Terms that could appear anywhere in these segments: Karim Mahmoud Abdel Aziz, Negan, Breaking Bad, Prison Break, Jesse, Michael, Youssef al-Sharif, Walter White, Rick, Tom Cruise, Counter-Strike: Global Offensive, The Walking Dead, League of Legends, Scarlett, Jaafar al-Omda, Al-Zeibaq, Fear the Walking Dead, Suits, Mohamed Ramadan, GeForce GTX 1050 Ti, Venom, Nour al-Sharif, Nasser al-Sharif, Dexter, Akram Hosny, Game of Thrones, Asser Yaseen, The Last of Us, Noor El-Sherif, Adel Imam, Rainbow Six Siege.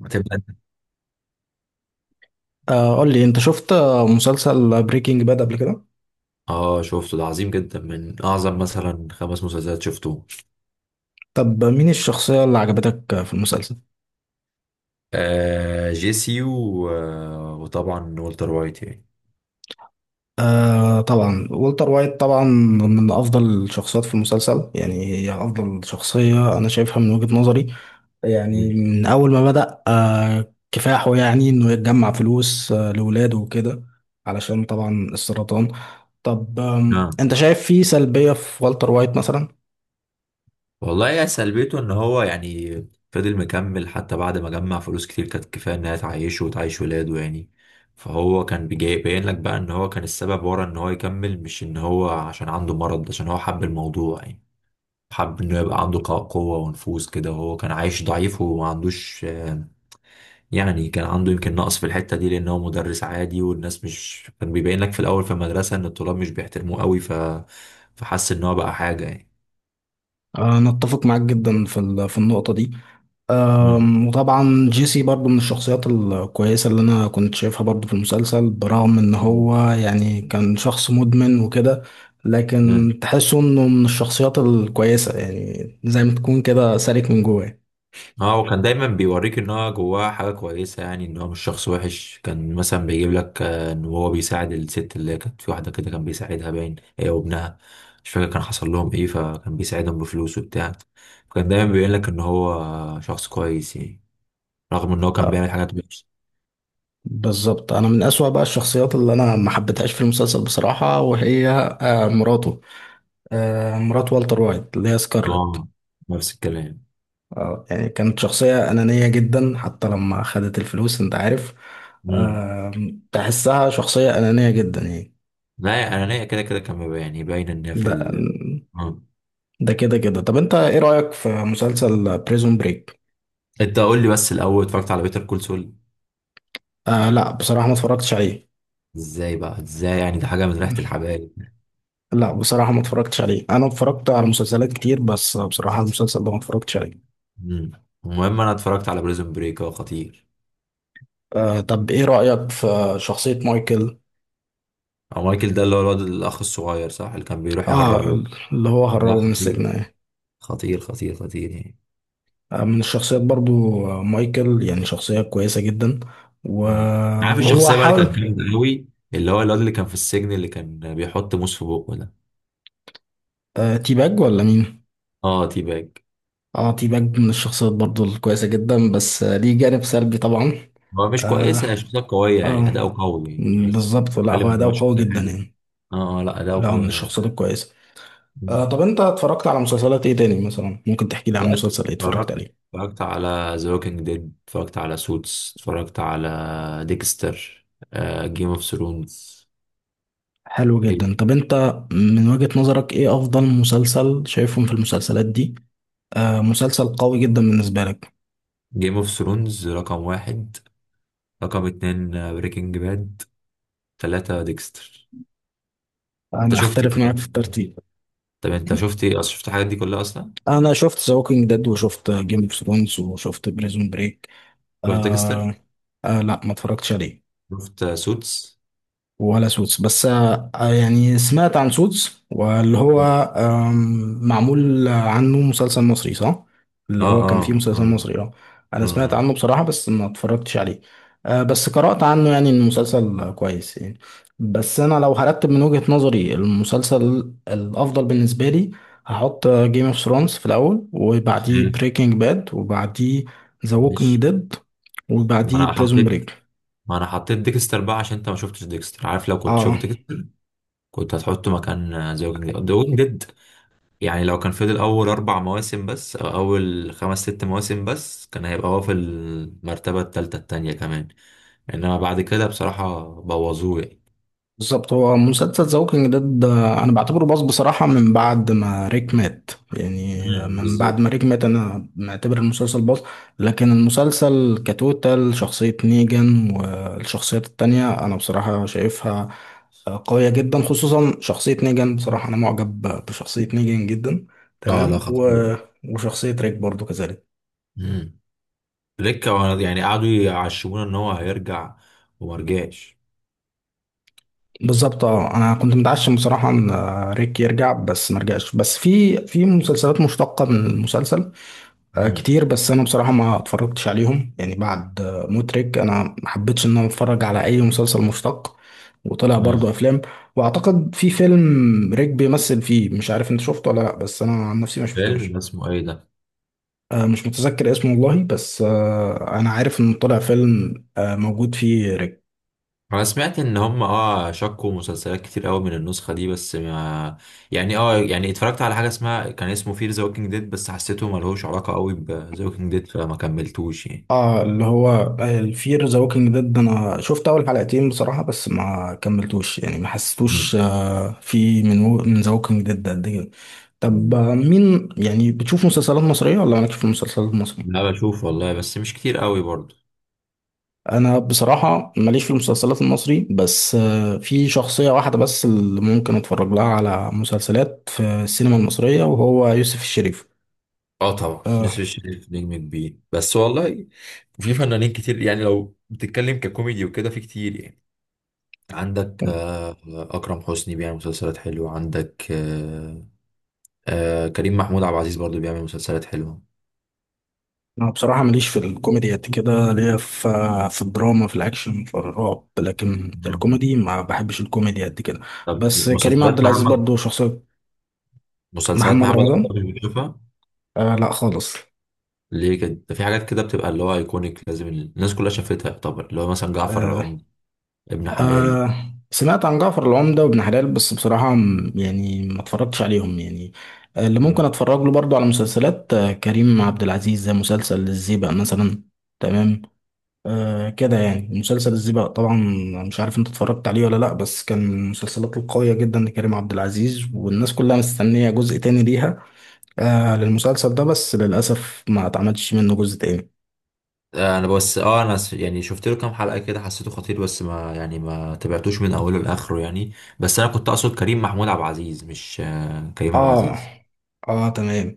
هتبقى. قول لي انت شفت مسلسل بريكنج باد قبل كده. اه، شفته ده عظيم جدا من اعظم مثلا خمس مسلسلات شفتهم. طب مين الشخصية اللي عجبتك في المسلسل؟ جيسي و وطبعا والتر وايت يعني. طبعا والتر وايت طبعا من افضل الشخصيات في المسلسل، يعني هي افضل شخصية انا شايفها من وجهة نظري. يعني مم. من اول ما بدأ كفاحه، يعني انه يتجمع فلوس لولاده وكده. علشان طبعا السرطان. طب، آه. انت شايف في سلبية في والتر وايت مثلا؟ والله يا سلبيته ان هو يعني فضل مكمل حتى بعد ما جمع فلوس كتير كانت كفايه انها تعيشه وتعيش ولاده يعني. فهو باين لك بقى ان هو كان السبب ورا ان هو يكمل، مش ان هو عشان عنده مرض، عشان هو حب الموضوع يعني. حب انه يبقى عنده قوة ونفوذ كده، وهو كان عايش ضعيف وما عندوش. يعني كان عنده يمكن نقص في الحتة دي، لأن هو مدرس عادي والناس مش كان بيبين لك في الأول في المدرسة إن الطلاب مش بيحترموه قوي فحس إن هو بقى حاجة يعني. انا اتفق معاك جدا في النقطة دي. مم. وطبعا جيسي برضو من الشخصيات الكويسة اللي أنا كنت شايفها برضو في المسلسل، برغم إن هو يعني كان شخص مدمن وكده. مم. لكن تحسه إنه من الشخصيات الكويسة، يعني زي ما تكون كده سالك من جواه. اه، وكان دايما بيوريك ان هو جواه حاجه كويسه يعني، ان هو مش شخص وحش. كان مثلا بيجيب لك، ان هو بيساعد الست اللي كانت في واحده كده كان بيساعدها باين، هي وابنها. مش فاكر كان حصل لهم ايه، فكان بيساعدهم بفلوس وبتاع. فكان دايما بيبين لك ان هو شخص كويس يعني، رغم ان هو كان أه، بيعمل حاجات وحشه. بالظبط. أنا من أسوأ بقى الشخصيات اللي أنا ما حبيتهاش في المسلسل بصراحة، وهي مراته، مرات والتر وايت اللي هي سكارلت. اه، نفس الكلام. اه، يعني كانت شخصية أنانية جدا، حتى لما خدت الفلوس أنت عارف. مم. تحسها شخصية أنانية جدا يعني. لا، يا انانيه كده كده كان بيبقى يعني باينه ان هي في ده ال... آه. ده كده كده. طب، أنت إيه رأيك في مسلسل بريزون بريك؟ انت قول لي بس الاول، اتفرجت على بيتر كول سول؟ لا، بصراحة ما اتفرجتش عليه. ازاي بقى؟ ازاي يعني؟ ده حاجه من ريحه الحبايب. لا، بصراحة ما اتفرجتش عليه. أنا اتفرجت على مسلسلات كتير، بس بصراحة المسلسل ده ما اتفرجتش عليه. مم. المهم انا اتفرجت على بريزون بريك، هو خطير. طب، إيه رأيك في شخصية مايكل؟ او مايكل، ده اللي هو الواد الاخ الصغير صح، اللي كان بيروح آه يهربه؟ اللي هو لا، هربه من خطير السجن. خطير خطير خطير يعني. من الشخصيات برضو. مايكل يعني شخصية كويسة جدا و- مم. عارف وهو الشخصيه بقى اللي كان حاول. جامد قوي، اللي هو الواد اللي كان في السجن اللي كان بيحط موس في بقه ده؟ تيباج ولا مين؟ اه، تي باج. اه، تيباج من الشخصيات برضو الكويسة جدا، بس ليه جانب سلبي طبعا. هو مش كويسة، هي اه، شخصية قوية يعني، اه، أداؤه قوي يعني، بس بالظبط. لا، بتكلم هو إن هو ده قوي شخصية جدا حلوة. يعني. آه، لا أداؤه لا، هو من قوي يعني. الشخصيات الكويسة. مم. طب، انت اتفرجت على مسلسلات ايه تاني مثلا؟ ممكن تحكي لي عن والله، مسلسل ايه اتفرجت اتفرجت عليه؟ اتفرجت على ذا ووكينج ديد، اتفرجت على سوتس، اتفرجت على ديكستر، جيم اوف ثرونز. حلو جدا. طب انت، من وجهة نظرك ايه افضل مسلسل شايفهم في المسلسلات دي؟ مسلسل قوي جدا بالنسبة لك؟ جيم اوف ثرونز رقم واحد، رقم اتنين بريكنج باد، تلاتة ديكستر. انا انت شفت اختلف معاك ايه؟ في الترتيب. طب انت شفت ايه اصلا؟ شفت الحاجات دي كلها اصلا؟ انا شفت ذا ووكينج ديد وشفت جيم اوف ثرونز وشفت بريزون بريك شفت ديكستر؟ آه لا، ما اتفرجتش عليه. شفت سوتس؟ ولا سوتس، بس يعني سمعت عن سوتس واللي هو معمول عنه مسلسل مصري، صح؟ اللي اه هو كان فيه اه مسلسل اه. مصري، اه. انا سمعت آه. عنه بصراحة، بس ما اتفرجتش عليه. بس قرأت عنه يعني إن المسلسل كويس يعني. بس انا لو هرتب من وجهة نظري المسلسل الافضل بالنسبة لي، هحط جيم اوف ثرونز في الاول، وبعديه آه. بريكنج باد، وبعديه ذا ووكينج مش... ديد، ما وبعديه انا بريزون حطيت بريك. ما انا حطيت ديكستر بقى عشان انت ما شفتش ديكستر، عارف؟ لو كنت شفت اه، ديكستر كنت هتحطه مكان ذا ووكينج ديد. ذا ووكينج ديد يعني لو كان فضل اول اربع مواسم بس او اول خمس ست مواسم بس كان هيبقى هو في المرتبه الثالثه التانية كمان، انما بعد كده بصراحه بوظوه يعني. بالظبط. هو مسلسل ذا ووكينج ديد انا بعتبره باظ بصراحه من بعد ما ريك مات، يعني امم، من بعد ما بالظبط. ريك مات انا معتبر المسلسل باظ. لكن المسلسل كتوتال، شخصيه نيجان والشخصيات التانية انا بصراحه شايفها قويه جدا، خصوصا شخصيه نيجان. بصراحه انا معجب بشخصيه نيجان جدا. اه لا تمام خطير. وشخصيه ريك برضو كذلك. امم. يعني قعدوا يعشمونا ان هو هيرجع وما رجعش. بالظبط. اه، انا كنت متعشم بصراحه ان ريك يرجع، بس ما رجعش. بس في مسلسلات مشتقه من المسلسل امم. كتير، بس انا بصراحه ما اتفرجتش عليهم، يعني بعد مترك انا ما حبيتش ان انا اتفرج على اي مسلسل مشتق. وطلع برضو امم. افلام. واعتقد في فيلم ريك بيمثل فيه، مش عارف انت شفته ولا لا، بس انا عن نفسي ما فيلم ده شفتوش. اسمه ايه ده؟ مش متذكر اسمه والله، بس انا عارف انه طلع فيلم موجود فيه ريك. انا سمعت ان هم اه شكوا مسلسلات كتير قوي من النسخه دي، بس ما... يعني اه يعني اتفرجت على حاجه اسمها، كان اسمه فير ذا ووكينج ديد، بس حسيته ملهوش علاقه قوي بذا ووكينج ديد فما كملتوش يعني. اه، اللي هو الفير ذا ووكينج ديد، انا شفت اول حلقتين بصراحه بس ما كملتوش، يعني ما مم. حسيتوش في من ذا ووكينج ديد قد كده. طب مم. مين، يعني بتشوف مسلسلات مصريه ولا مالكش في المسلسلات المصريه؟ لا بشوف والله، بس مش كتير قوي برضه. انا بصراحه ماليش في المسلسلات المصري، بس في شخصيه واحده بس اللي ممكن اتفرج لها على مسلسلات في السينما المصريه، وهو يوسف الشريف. اه طبعا آه نسر الشريف نجم كبير، بس والله في فنانين كتير يعني. لو بتتكلم ككوميدي وكده في كتير يعني. عندك أكرم حسني بيعمل مسلسلات حلوة، عندك كريم محمود عبد العزيز برضه بيعمل مسلسلات انا بصراحه ماليش في الكوميدي قد كده. ليا في الدراما، في الاكشن، في الرعب، لكن حلوة. الكوميدي ما بحبش الكوميدي قد كده. طب بس كريم عبد مسلسلات العزيز برضو شخصيه. مسلسلات محمد محمد رمضان؟ رمضان اللي بنشوفها؟ لا خالص. ليه كده؟ ده في حاجات كده بتبقى اللي هو ايكونيك، لازم الناس كلها شافتها. يعتبر اللي هو مثلا جعفر آه العمدة، ابن حلال. سمعت عن جعفر العمده وابن حلال، بس بصراحه يعني ما اتفرجتش عليهم يعني. اللي ممكن اتفرج له برضو على مسلسلات كريم عبد العزيز زي مسلسل الزيبق مثلا. تمام. كده يعني مسلسل الزيبق طبعا. مش عارف انت اتفرجت عليه ولا لا، بس كان من المسلسلات القوية جدا لكريم عبد العزيز، والناس كلها مستنية جزء تاني ليها، للمسلسل ده، بس للأسف ما اتعملش منه جزء تاني. انا بس يعني شفت له كام حلقة كده حسيته خطير، بس ما يعني ما تابعتوش من اوله لاخره يعني. بس انا كنت اقصد كريم محمود عبد العزيز، مش كريم عبد اه، العزيز. اه، تمام.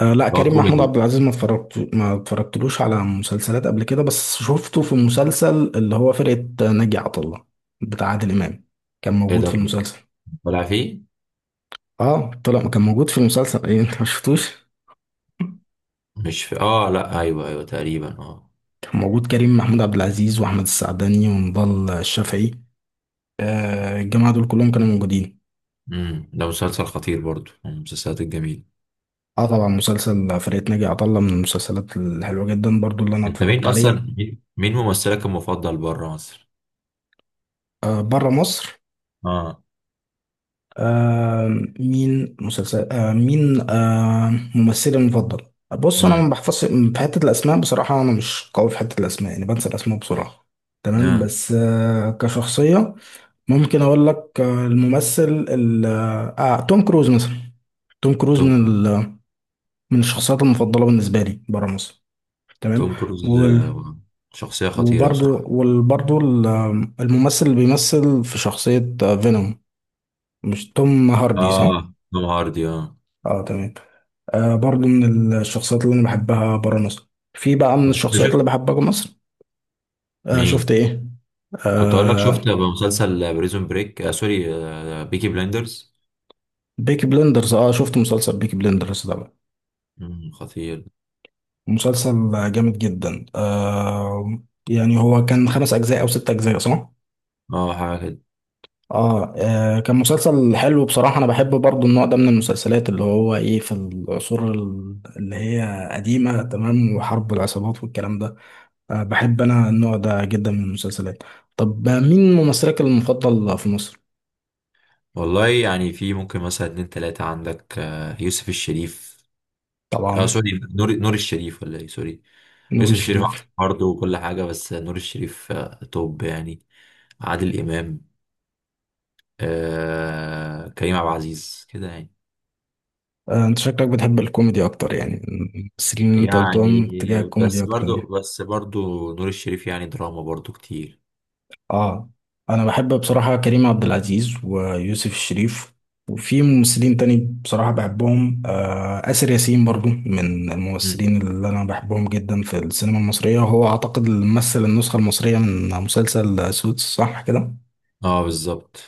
لا، اللي هو كريم محمود كوميدي. عبد العزيز ما اتفرجتلوش على مسلسلات قبل كده، بس شفته في المسلسل اللي هو فرقة ناجي عطا الله بتاع عادل إمام. كان ايه موجود في ده، المسلسل. طلع فيه؟ اه طلع، كان موجود في المسلسل، ايه انت ما شفتوش؟ مش في اه لا، ايوه ايوه تقريبا اه. موجود كريم محمود عبد العزيز واحمد السعداني ونضال الشافعي، الجماعه دول كلهم كانوا موجودين. امم، ده مسلسل خطير برضو من المسلسلات الجميلة. اه طبعا، مسلسل فرقة ناجي عطا الله من المسلسلات الحلوه جدا برضو اللي انا انت اتفرجت مين عليها. اصلا، مين، مين ممثلك المفضل بره مصر؟ بره مصر. اه. آه مين مسلسل مين ممثلي المفضل؟ بص، انا ما امم. بحفظش في حته الاسماء بصراحه، انا مش قوي في حته الاسماء، يعني بنسى الاسماء بسرعه. تمام، آه. بس كشخصيه ممكن اقول لك الممثل ال آه آه، توم كروز مثلا. توم كروز توم من الشخصيات المفضله بالنسبه لي بره مصر. تمام. توم كروز. وال شخصيه خطيره وبرضو بصراحه. وبرضو الممثل اللي بيمثل في شخصيه فينوم. مش توم هاردي، اه صح؟ توم هاردي اه. اه، تمام. برضو من الشخصيات اللي انا بحبها بره مصر. في بقى من طب انت الشخصيات اللي شفت بحبها جوه مصر. شفت مين؟ ايه؟ كنت اقول لك شفت آه مسلسل بريزون بريك، آه سوري آه بيكي بلاندرز؟ بيكي بلندرز، اه شفت مسلسل بيكي بلندرز ده. امم، خطير. مسلسل جامد جدا. يعني هو كان خمس أجزاء أو ست أجزاء، صح؟ اه حاجه كده. كان مسلسل حلو بصراحة. أنا بحب برضو النوع ده من المسلسلات اللي هو إيه، في العصور اللي هي قديمة تمام، وحرب العصابات والكلام ده. بحب أنا النوع ده جدا من المسلسلات. طب، مين ممثلك المفضل في مصر؟ والله يعني في ممكن مثلا اتنين تلاته. عندك آه، يوسف الشريف. اه طبعا. سوري، نور الشريف ولا ايه، سوري. نور يوسف الشريف الشريف. برضه وكل حاجه، بس نور الشريف آه، توب يعني. عادل إمام، آه كريم عبد العزيز كده يعني. أنت شكلك بتحب الكوميدي أكتر، يعني الممثلين اللي أنت يعني قلتهم اتجاه الكوميدي أكتر يعني. بس برضو نور الشريف يعني دراما برضو كتير. اه، انا بحب بصراحة كريم عبد العزيز ويوسف الشريف، وفي ممثلين تاني بصراحة بحبهم. آسر ياسين برضو من مم. الممثلين اللي انا بحبهم جدا في السينما المصرية، وهو اعتقد اللي مثل النسخة المصرية من مسلسل سوتس، صح كده؟ اه بالظبط.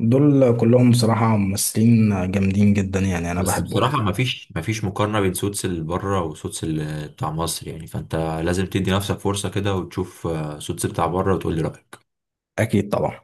دول كلهم بصراحة ممثلين جامدين جدا، يعني انا بس بحبهم. بصراحة مفيش، مفيش مقارنة بين سوتس اللي بره وسوتس اللي بتاع مصر يعني. فانت لازم تدي نفسك فرصة كده وتشوف سوتس بتاع بره وتقول لي رأيك. اكيد طبعا.